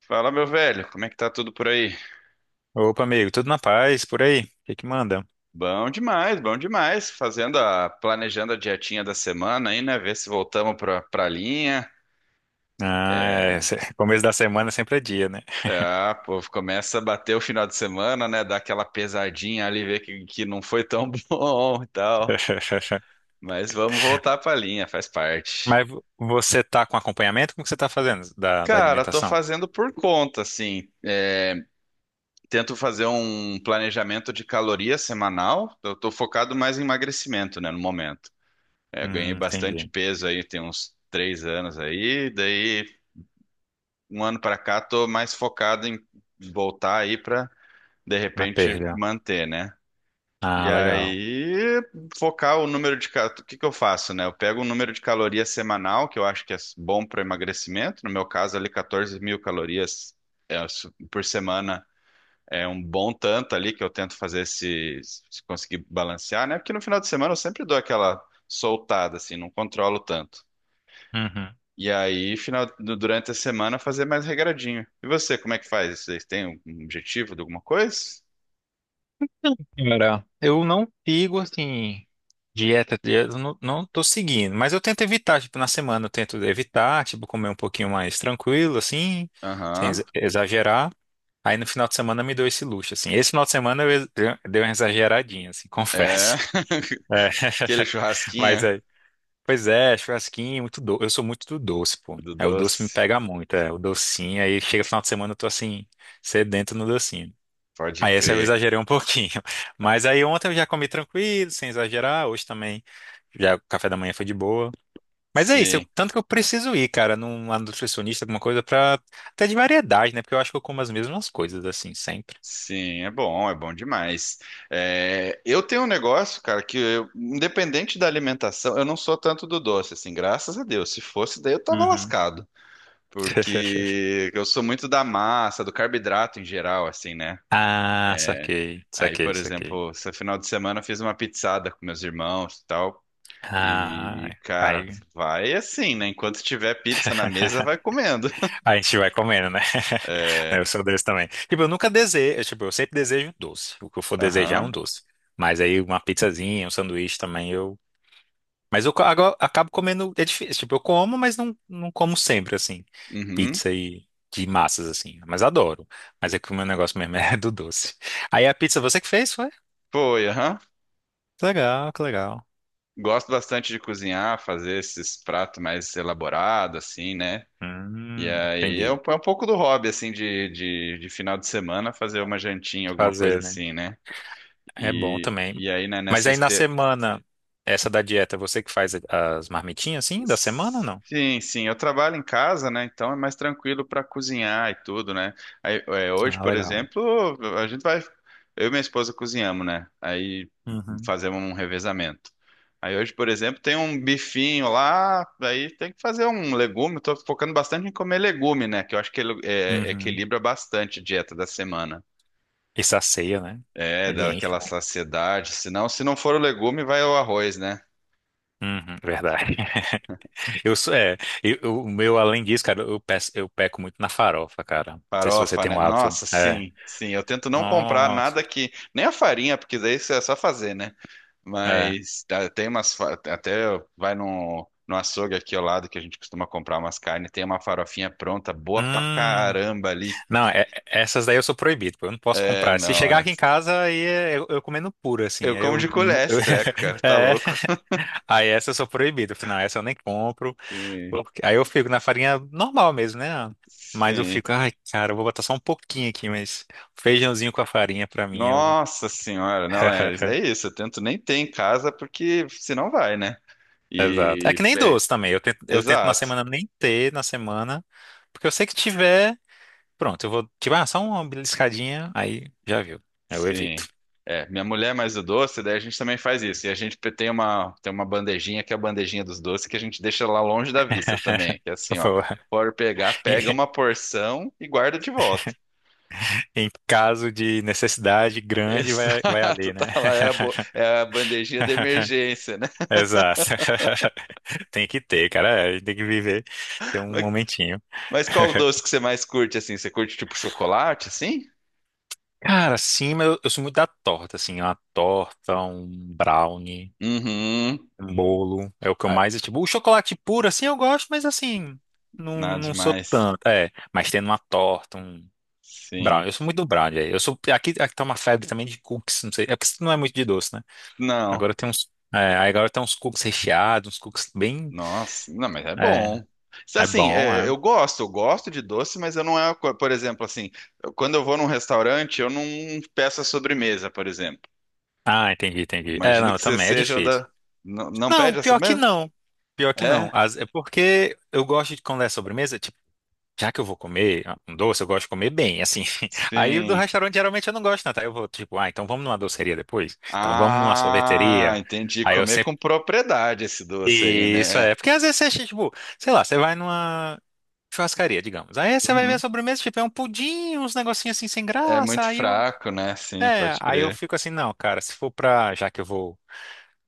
Fala, meu velho, como é que tá tudo por aí? Opa, amigo, tudo na paz por aí? O que que manda? Bom demais, bom demais. Fazendo planejando a dietinha da semana aí, né? Ver se voltamos pra linha. Ah, é, É, começo da semana sempre é dia, né? é, ah, pô, começa a bater o final de semana, né? Dar aquela pesadinha ali, ver que não foi tão bom e tal. Mas vamos voltar pra linha, faz parte. Mas você tá com acompanhamento? Como que você tá fazendo da Cara, tô alimentação? fazendo por conta, assim. É, tento fazer um planejamento de caloria semanal. Eu tô focado mais em emagrecimento, né, no momento. É, ganhei bastante Entendi. peso aí, tem uns 3 anos aí. Daí, um ano pra cá, tô mais focado em voltar aí pra, de Na repente, perda. manter, né? E Ah, legal. aí, focar o número. O que que eu faço, né? Eu pego o número de calorias semanal, que eu acho que é bom para emagrecimento. No meu caso, ali, 14 mil calorias por semana é um bom tanto ali, que eu tento fazer se conseguir balancear, né? Porque no final de semana eu sempre dou aquela soltada, assim, não controlo tanto. Uhum. E aí, durante a semana, fazer mais regradinho. E você, como é que faz? Vocês têm um objetivo de alguma coisa? Cara, eu não sigo, assim, dieta, eu não tô seguindo, mas eu tento evitar, tipo, na semana eu tento evitar, tipo, comer um pouquinho mais tranquilo, assim, sem Aham. Exagerar. Aí no final de semana me deu esse luxo, assim. Esse final de semana eu deu uma exageradinha, assim, É. confesso. É. Aquele Mas churrasquinho é. Pois é, churrasquinho, muito doce. Eu sou muito do doce, pô. do É, o doce me doce. pega muito, é. O docinho, aí chega final de semana eu tô assim, sedento no docinho. Pode Aí essa eu crer. exagerei um pouquinho. Mas aí ontem eu já comi tranquilo, sem exagerar. Hoje também, já o café da manhã foi de boa. Mas é isso, Sim, tanto que eu preciso ir, cara, numa nutricionista, alguma coisa pra. Até de variedade, né? Porque eu acho que eu como as mesmas coisas, assim, sempre. sim, é bom demais. É, eu tenho um negócio, cara, que eu, independente da alimentação, eu não sou tanto do doce, assim, graças a Deus. Se fosse, daí eu tava Uhum. lascado. Porque eu sou muito da massa, do carboidrato em geral, assim, né? Ah, saquei, Aí, saquei, por saquei. exemplo, esse final de semana eu fiz uma pizzada com meus irmãos e tal. Ah, E, cara, aí, vai assim, né? Enquanto tiver pizza na mesa, vai comendo. a gente vai comendo, né? É, Eu sou desse também. Tipo, eu nunca desejo, tipo, eu sempre desejo doce. O que eu for desejar é um aham, doce. Mas aí uma pizzazinha, um sanduíche também eu. Mas eu agora acabo comendo, é difícil. Tipo, eu como, mas não como sempre, assim. uhum, Pizza e de massas, assim. Mas adoro. Mas é que o meu negócio mesmo é do doce. Aí a pizza você que fez, foi? foi, aham. Que legal, que legal. Gosto bastante de cozinhar, fazer esses pratos mais elaborados, assim, né? E aí é um, Entendi. é um pouco do hobby, assim, de final de semana, fazer uma jantinha, alguma Fazer, coisa né? assim, né? É bom E, também. e aí, né, Mas nessa aí na este- semana, essa da dieta, você que faz as marmitinhas assim da semana, ou não? Sim, sim, eu trabalho em casa, né? Então é mais tranquilo para cozinhar e tudo, né? Aí, hoje, Ah, por legal. exemplo, a gente vai, eu e minha esposa cozinhamos, né? Aí Uhum. fazemos um revezamento. Aí hoje, por exemplo, tem um bifinho lá, aí tem que fazer um legume. Estou focando bastante em comer legume, né? Que eu acho que ele Uhum. equilibra bastante a dieta da semana. E sacia, né? É, Ele dá enche, aquela né? saciedade. Senão, se não for o legume, vai o arroz, né? Uhum, verdade. Eu sou, é, o meu, além disso, cara, eu peço, eu peco muito na farofa, cara. Não sei se você Farofa, tem né? um hábito. Nossa, É. sim, sim. Eu tento não comprar nada Nossa. que. Nem a farinha, porque daí isso é só fazer, né? É. Mas tá, tem umas. Até vai no, açougue aqui ao lado que a gente costuma comprar umas carnes. Tem uma farofinha pronta, boa pra Hum. caramba ali. Não, essas daí eu sou proibido, pô. Eu não posso É, comprar. Se não. chegar aqui em casa, eu comendo puro, assim. Eu Aí como eu, de colher eu, esse treco, cara. Tá é. louco. Aí essa eu sou proibido. Eu falo, não, essa eu nem compro. Sim, Aí eu fico na farinha normal mesmo, né? Mas eu sim. fico, ai, cara, eu vou botar só um pouquinho aqui, mas feijãozinho com a farinha pra mim eu. Nossa senhora, não é. É isso. Eu tento nem ter em casa, porque senão vai, né? Exato. É E. que nem é, doce também. Eu tento na Exato. semana nem ter na semana, porque eu sei que tiver, pronto, eu vou, tipo, ah, só uma beliscadinha, aí já viu. Eu evito. Sim. É, minha mulher é mais o doce, daí a gente também faz isso. E a gente tem uma, bandejinha que é a bandejinha dos doces que a gente deixa lá longe da vista também. Que é Eu assim, ó, falo, pode pegar, em pega uma porção e guarda de volta. Caso de necessidade grande, vai Exato, ali, né? tá lá, é a bandejinha de emergência, né? Exato. Tem que ter, cara. É, a gente tem que viver. Tem um Mas, momentinho. mas qual o doce que você mais curte, assim? Você curte tipo chocolate, assim? Cara, sim, mas eu sou muito da torta, assim. Uma torta, um brownie, Uhum. um bolo. É o que eu Ah, mais. Tipo, o chocolate puro, assim, eu gosto, mas assim. Não, nada não sou demais. tanto. É, mas tendo uma torta, um Sim. brownie. Eu sou muito do brownie. Aí. Eu sou. Aqui, aqui tá uma febre também de cookies, não sei. É porque isso não é muito de doce, né? Agora Não. tem uns. É, aí agora tem uns cookies recheados, uns cookies bem. Nossa, não, mas é É, bom. Isso, é assim, bom, é. eu gosto de doce, mas eu não por exemplo, assim, quando eu vou num restaurante, eu não peço a sobremesa, por exemplo. Ah, entendi, entendi. É, Imagino não, que você também é seja o difícil. da. Não, não Não, pede a pior que sobremesa? não. Pior que não. É? É porque eu gosto de quando é sobremesa, tipo, já que eu vou comer ah, um doce, eu gosto de comer bem, assim. Aí do Sim. restaurante geralmente eu não gosto tanto. Aí eu vou, tipo, ah, então vamos numa doceria depois? Então vamos numa Ah, sorveteria. entendi. Aí eu Comer sempre. com propriedade esse doce aí, Isso né? é. Porque às vezes você, acha, tipo, sei lá, você vai numa churrascaria, digamos. Aí você vai ver a Uhum. sobremesa, tipo, é um pudim, uns negocinhos assim sem É graça. muito Aí eu. fraco, né? Sim, É, pode aí eu crer. fico assim, não, cara, se for pra. Já que eu vou.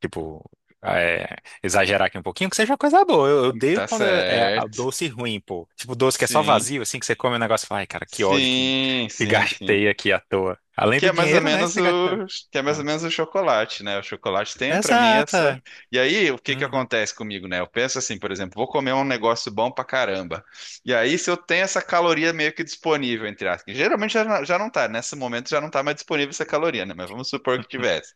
Tipo, ah, é, exagerar aqui um pouquinho, que seja coisa boa. Eu odeio Tá quando é, é a certo. doce ruim, pô. Tipo, doce que é só Sim, vazio, assim, que você come o negócio e fala, ai, cara, que ódio sim, que sim, sim. gastei aqui à toa. Além Que do é mais ou dinheiro, né? menos Você gasta. o, que é mais ou Não. menos o chocolate, né? O chocolate tem pra mim Exato. essa. É. E aí, o que que Uhum. acontece comigo, né? Eu penso assim, por exemplo, vou comer um negócio bom pra caramba. E aí, se eu tenho essa caloria meio que disponível, entre aspas, que geralmente já, já não tá, nesse momento já não tá mais disponível essa caloria, né? Mas vamos supor que tivesse.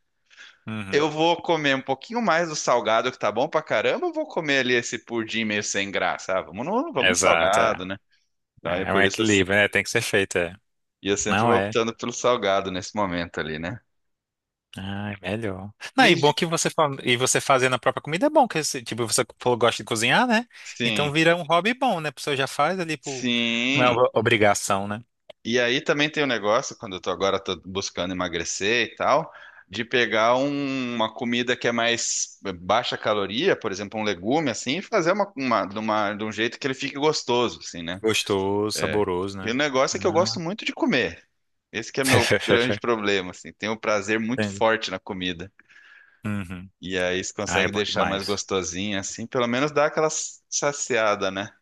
Uhum. Eu vou comer um pouquinho mais do salgado que tá bom pra caramba, ou vou comer ali esse pudim meio sem graça? Ah, vamos no Exato, é. salgado, né? Então, é É é um por isso eu, equilíbrio, né? Tem que ser feito, é. eu sempre Não vou é. optando pelo salgado nesse momento ali, né? Ah, é melhor. Não, Me, e bom di- que você e você fazendo a própria comida é bom, que você, tipo, você falou que gosta de cozinhar, né? Sim. Então vira um hobby bom, né? A pessoa já faz ali por... Não é Sim. uma obrigação, né? E aí também tem o negócio, quando eu tô agora tô buscando emagrecer e tal, de pegar uma comida que é mais baixa caloria, por exemplo, um legume assim, e fazer de um jeito que ele fique gostoso, assim, né? Gostoso, É. saboroso, E o né? negócio é que eu gosto Ah. muito de comer. Esse que é meu grande problema, assim. Tenho um prazer muito Entendi. forte na comida. Uhum. E aí você Ah, é consegue bom deixar mais demais. gostosinha, assim, pelo menos dá aquela saciada, né?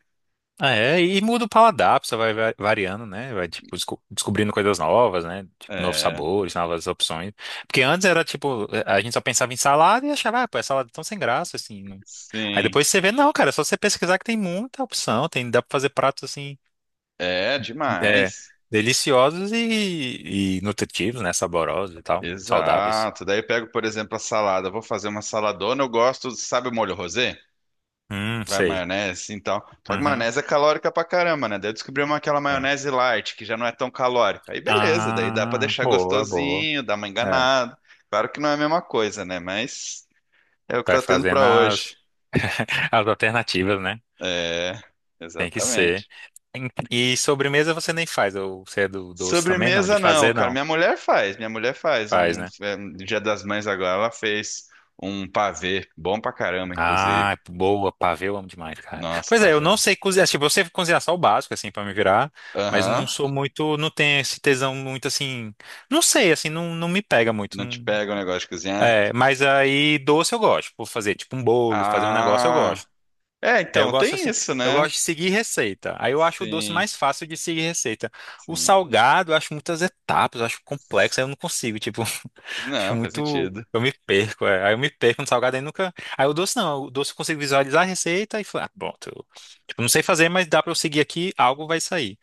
Ah, é, e muda o paladar, você vai variando, né? Vai, tipo, descobrindo coisas novas, né? Tipo, novos É, sabores, novas opções. Porque antes era, tipo, a gente só pensava em salada e achava, ah, pô, é salada tão sem graça, assim. Aí sim. depois você vê, não, cara, é só você pesquisar que tem muita opção, tem, dá pra fazer pratos, assim, É, é, demais. deliciosos e nutritivos, né? Saborosos e tal, saudáveis. Exato. Daí eu pego, por exemplo, a salada. Eu vou fazer uma saladona. Eu gosto, sabe o molho rosé? Vai Sei. maionese. Então, tal. Só que Uhum. maionese é calórica pra caramba, né? Daí eu descobri aquela É. maionese light, que já não é tão calórica. Aí beleza, daí dá pra Ah, deixar boa, boa. gostosinho, dar uma É, enganada. Claro que não é a mesma coisa, né? Mas é o que vai tá tendo fazendo pra as, hoje. as alternativas, né? É, Tem que ser. exatamente. E sobremesa você nem faz, ou você é do doce também? Não, de Sobremesa não, fazer cara. não. Minha mulher faz. Minha mulher faz Faz, um, né? é, um Dia das Mães agora. Ela fez um pavê, bom pra caramba, inclusive. Ah, boa, pavê, eu amo demais, cara. Nossa, Pois pá, é, eu não velho. sei cozinhar, tipo, eu sei cozinhar só o básico, assim, pra me virar, mas não Aham. sou muito, não tenho esse tesão muito, assim, não sei, assim, não me pega muito. Não te pega o negócio de cozinhar? É, mas aí doce eu gosto, por fazer, tipo, um bolo, fazer um negócio eu Ah. gosto. É, Aí eu então, gosto tem assim, isso, eu né? gosto de seguir receita. Aí eu acho o doce Sim, mais fácil de seguir receita. O sim. salgado, eu acho muitas etapas, eu acho complexo, aí eu não consigo, tipo, acho Não, faz muito. sentido. Eu me perco, é. Aí eu me perco no salgado, aí nunca. Aí o doce não, o doce eu consigo visualizar a receita e falar, ah, bom, eu tipo, não sei fazer, mas dá pra eu seguir aqui, algo vai sair.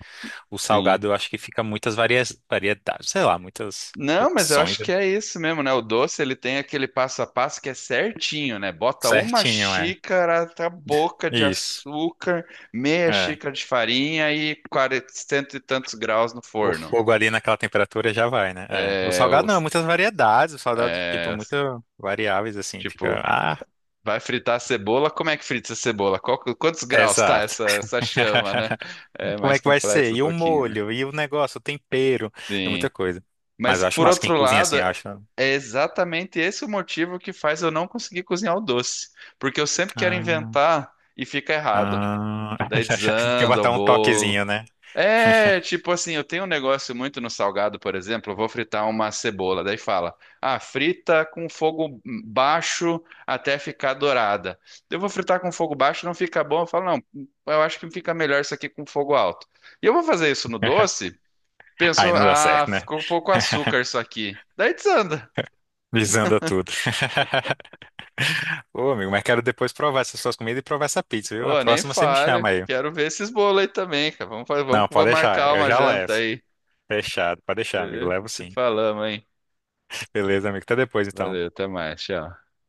O Sim. salgado eu acho que fica muitas varia... variedades, sei lá, muitas Não, mas eu opções. acho que é isso mesmo, né? O doce, ele tem aquele passo a passo que é certinho, né? Bota uma Certinho, é. xícara, tá boca de Isso. açúcar, meia É xícara de farinha e 40, cento e tantos graus no o forno. fogo ali naquela temperatura já vai, né? É. O É, salgado não, é os- muitas variedades. O salgado, tipo, é, muito variáveis, assim, fica. tipo, Ah, vai fritar a cebola? Como é que frita a cebola? Quantos é graus tá exato. essa chama, né? É Como mais é que vai ser? complexo um E o pouquinho, né? molho, e o negócio, o tempero, é muita Sim. coisa. Mas Mas eu acho por massa, quem outro cozinha lado, assim, acha. é exatamente esse o motivo que faz eu não conseguir cozinhar o doce. Porque eu sempre quero Ah, inventar e fica errado. ah. Daí Quer desanda o botar um bolo. toquezinho, né? É, tipo assim, eu tenho um negócio muito no salgado, por exemplo, eu vou fritar uma cebola, daí fala, ah, frita com fogo baixo até ficar dourada. Eu vou fritar com fogo baixo, não fica bom, eu falo, não, eu acho que fica melhor isso aqui com fogo alto. E eu vou fazer isso no doce, penso, Aí não dá ah, certo, né? ficou pouco açúcar isso aqui. Daí desanda. Visando tudo. Ô, amigo, mas quero depois provar essas suas comidas e provar essa pizza, viu? A Ô, nem próxima você me fale, chama aí. quero ver esses bolos aí também, cara. Vamos, fazer, vamos, Não, pode vamos deixar, marcar eu uma já janta levo. aí, Fechado, pode deixar, amigo. beleza? Levo Se sim. falamos, hein? Beleza, amigo. Até depois, então. Valeu, até mais, tchau.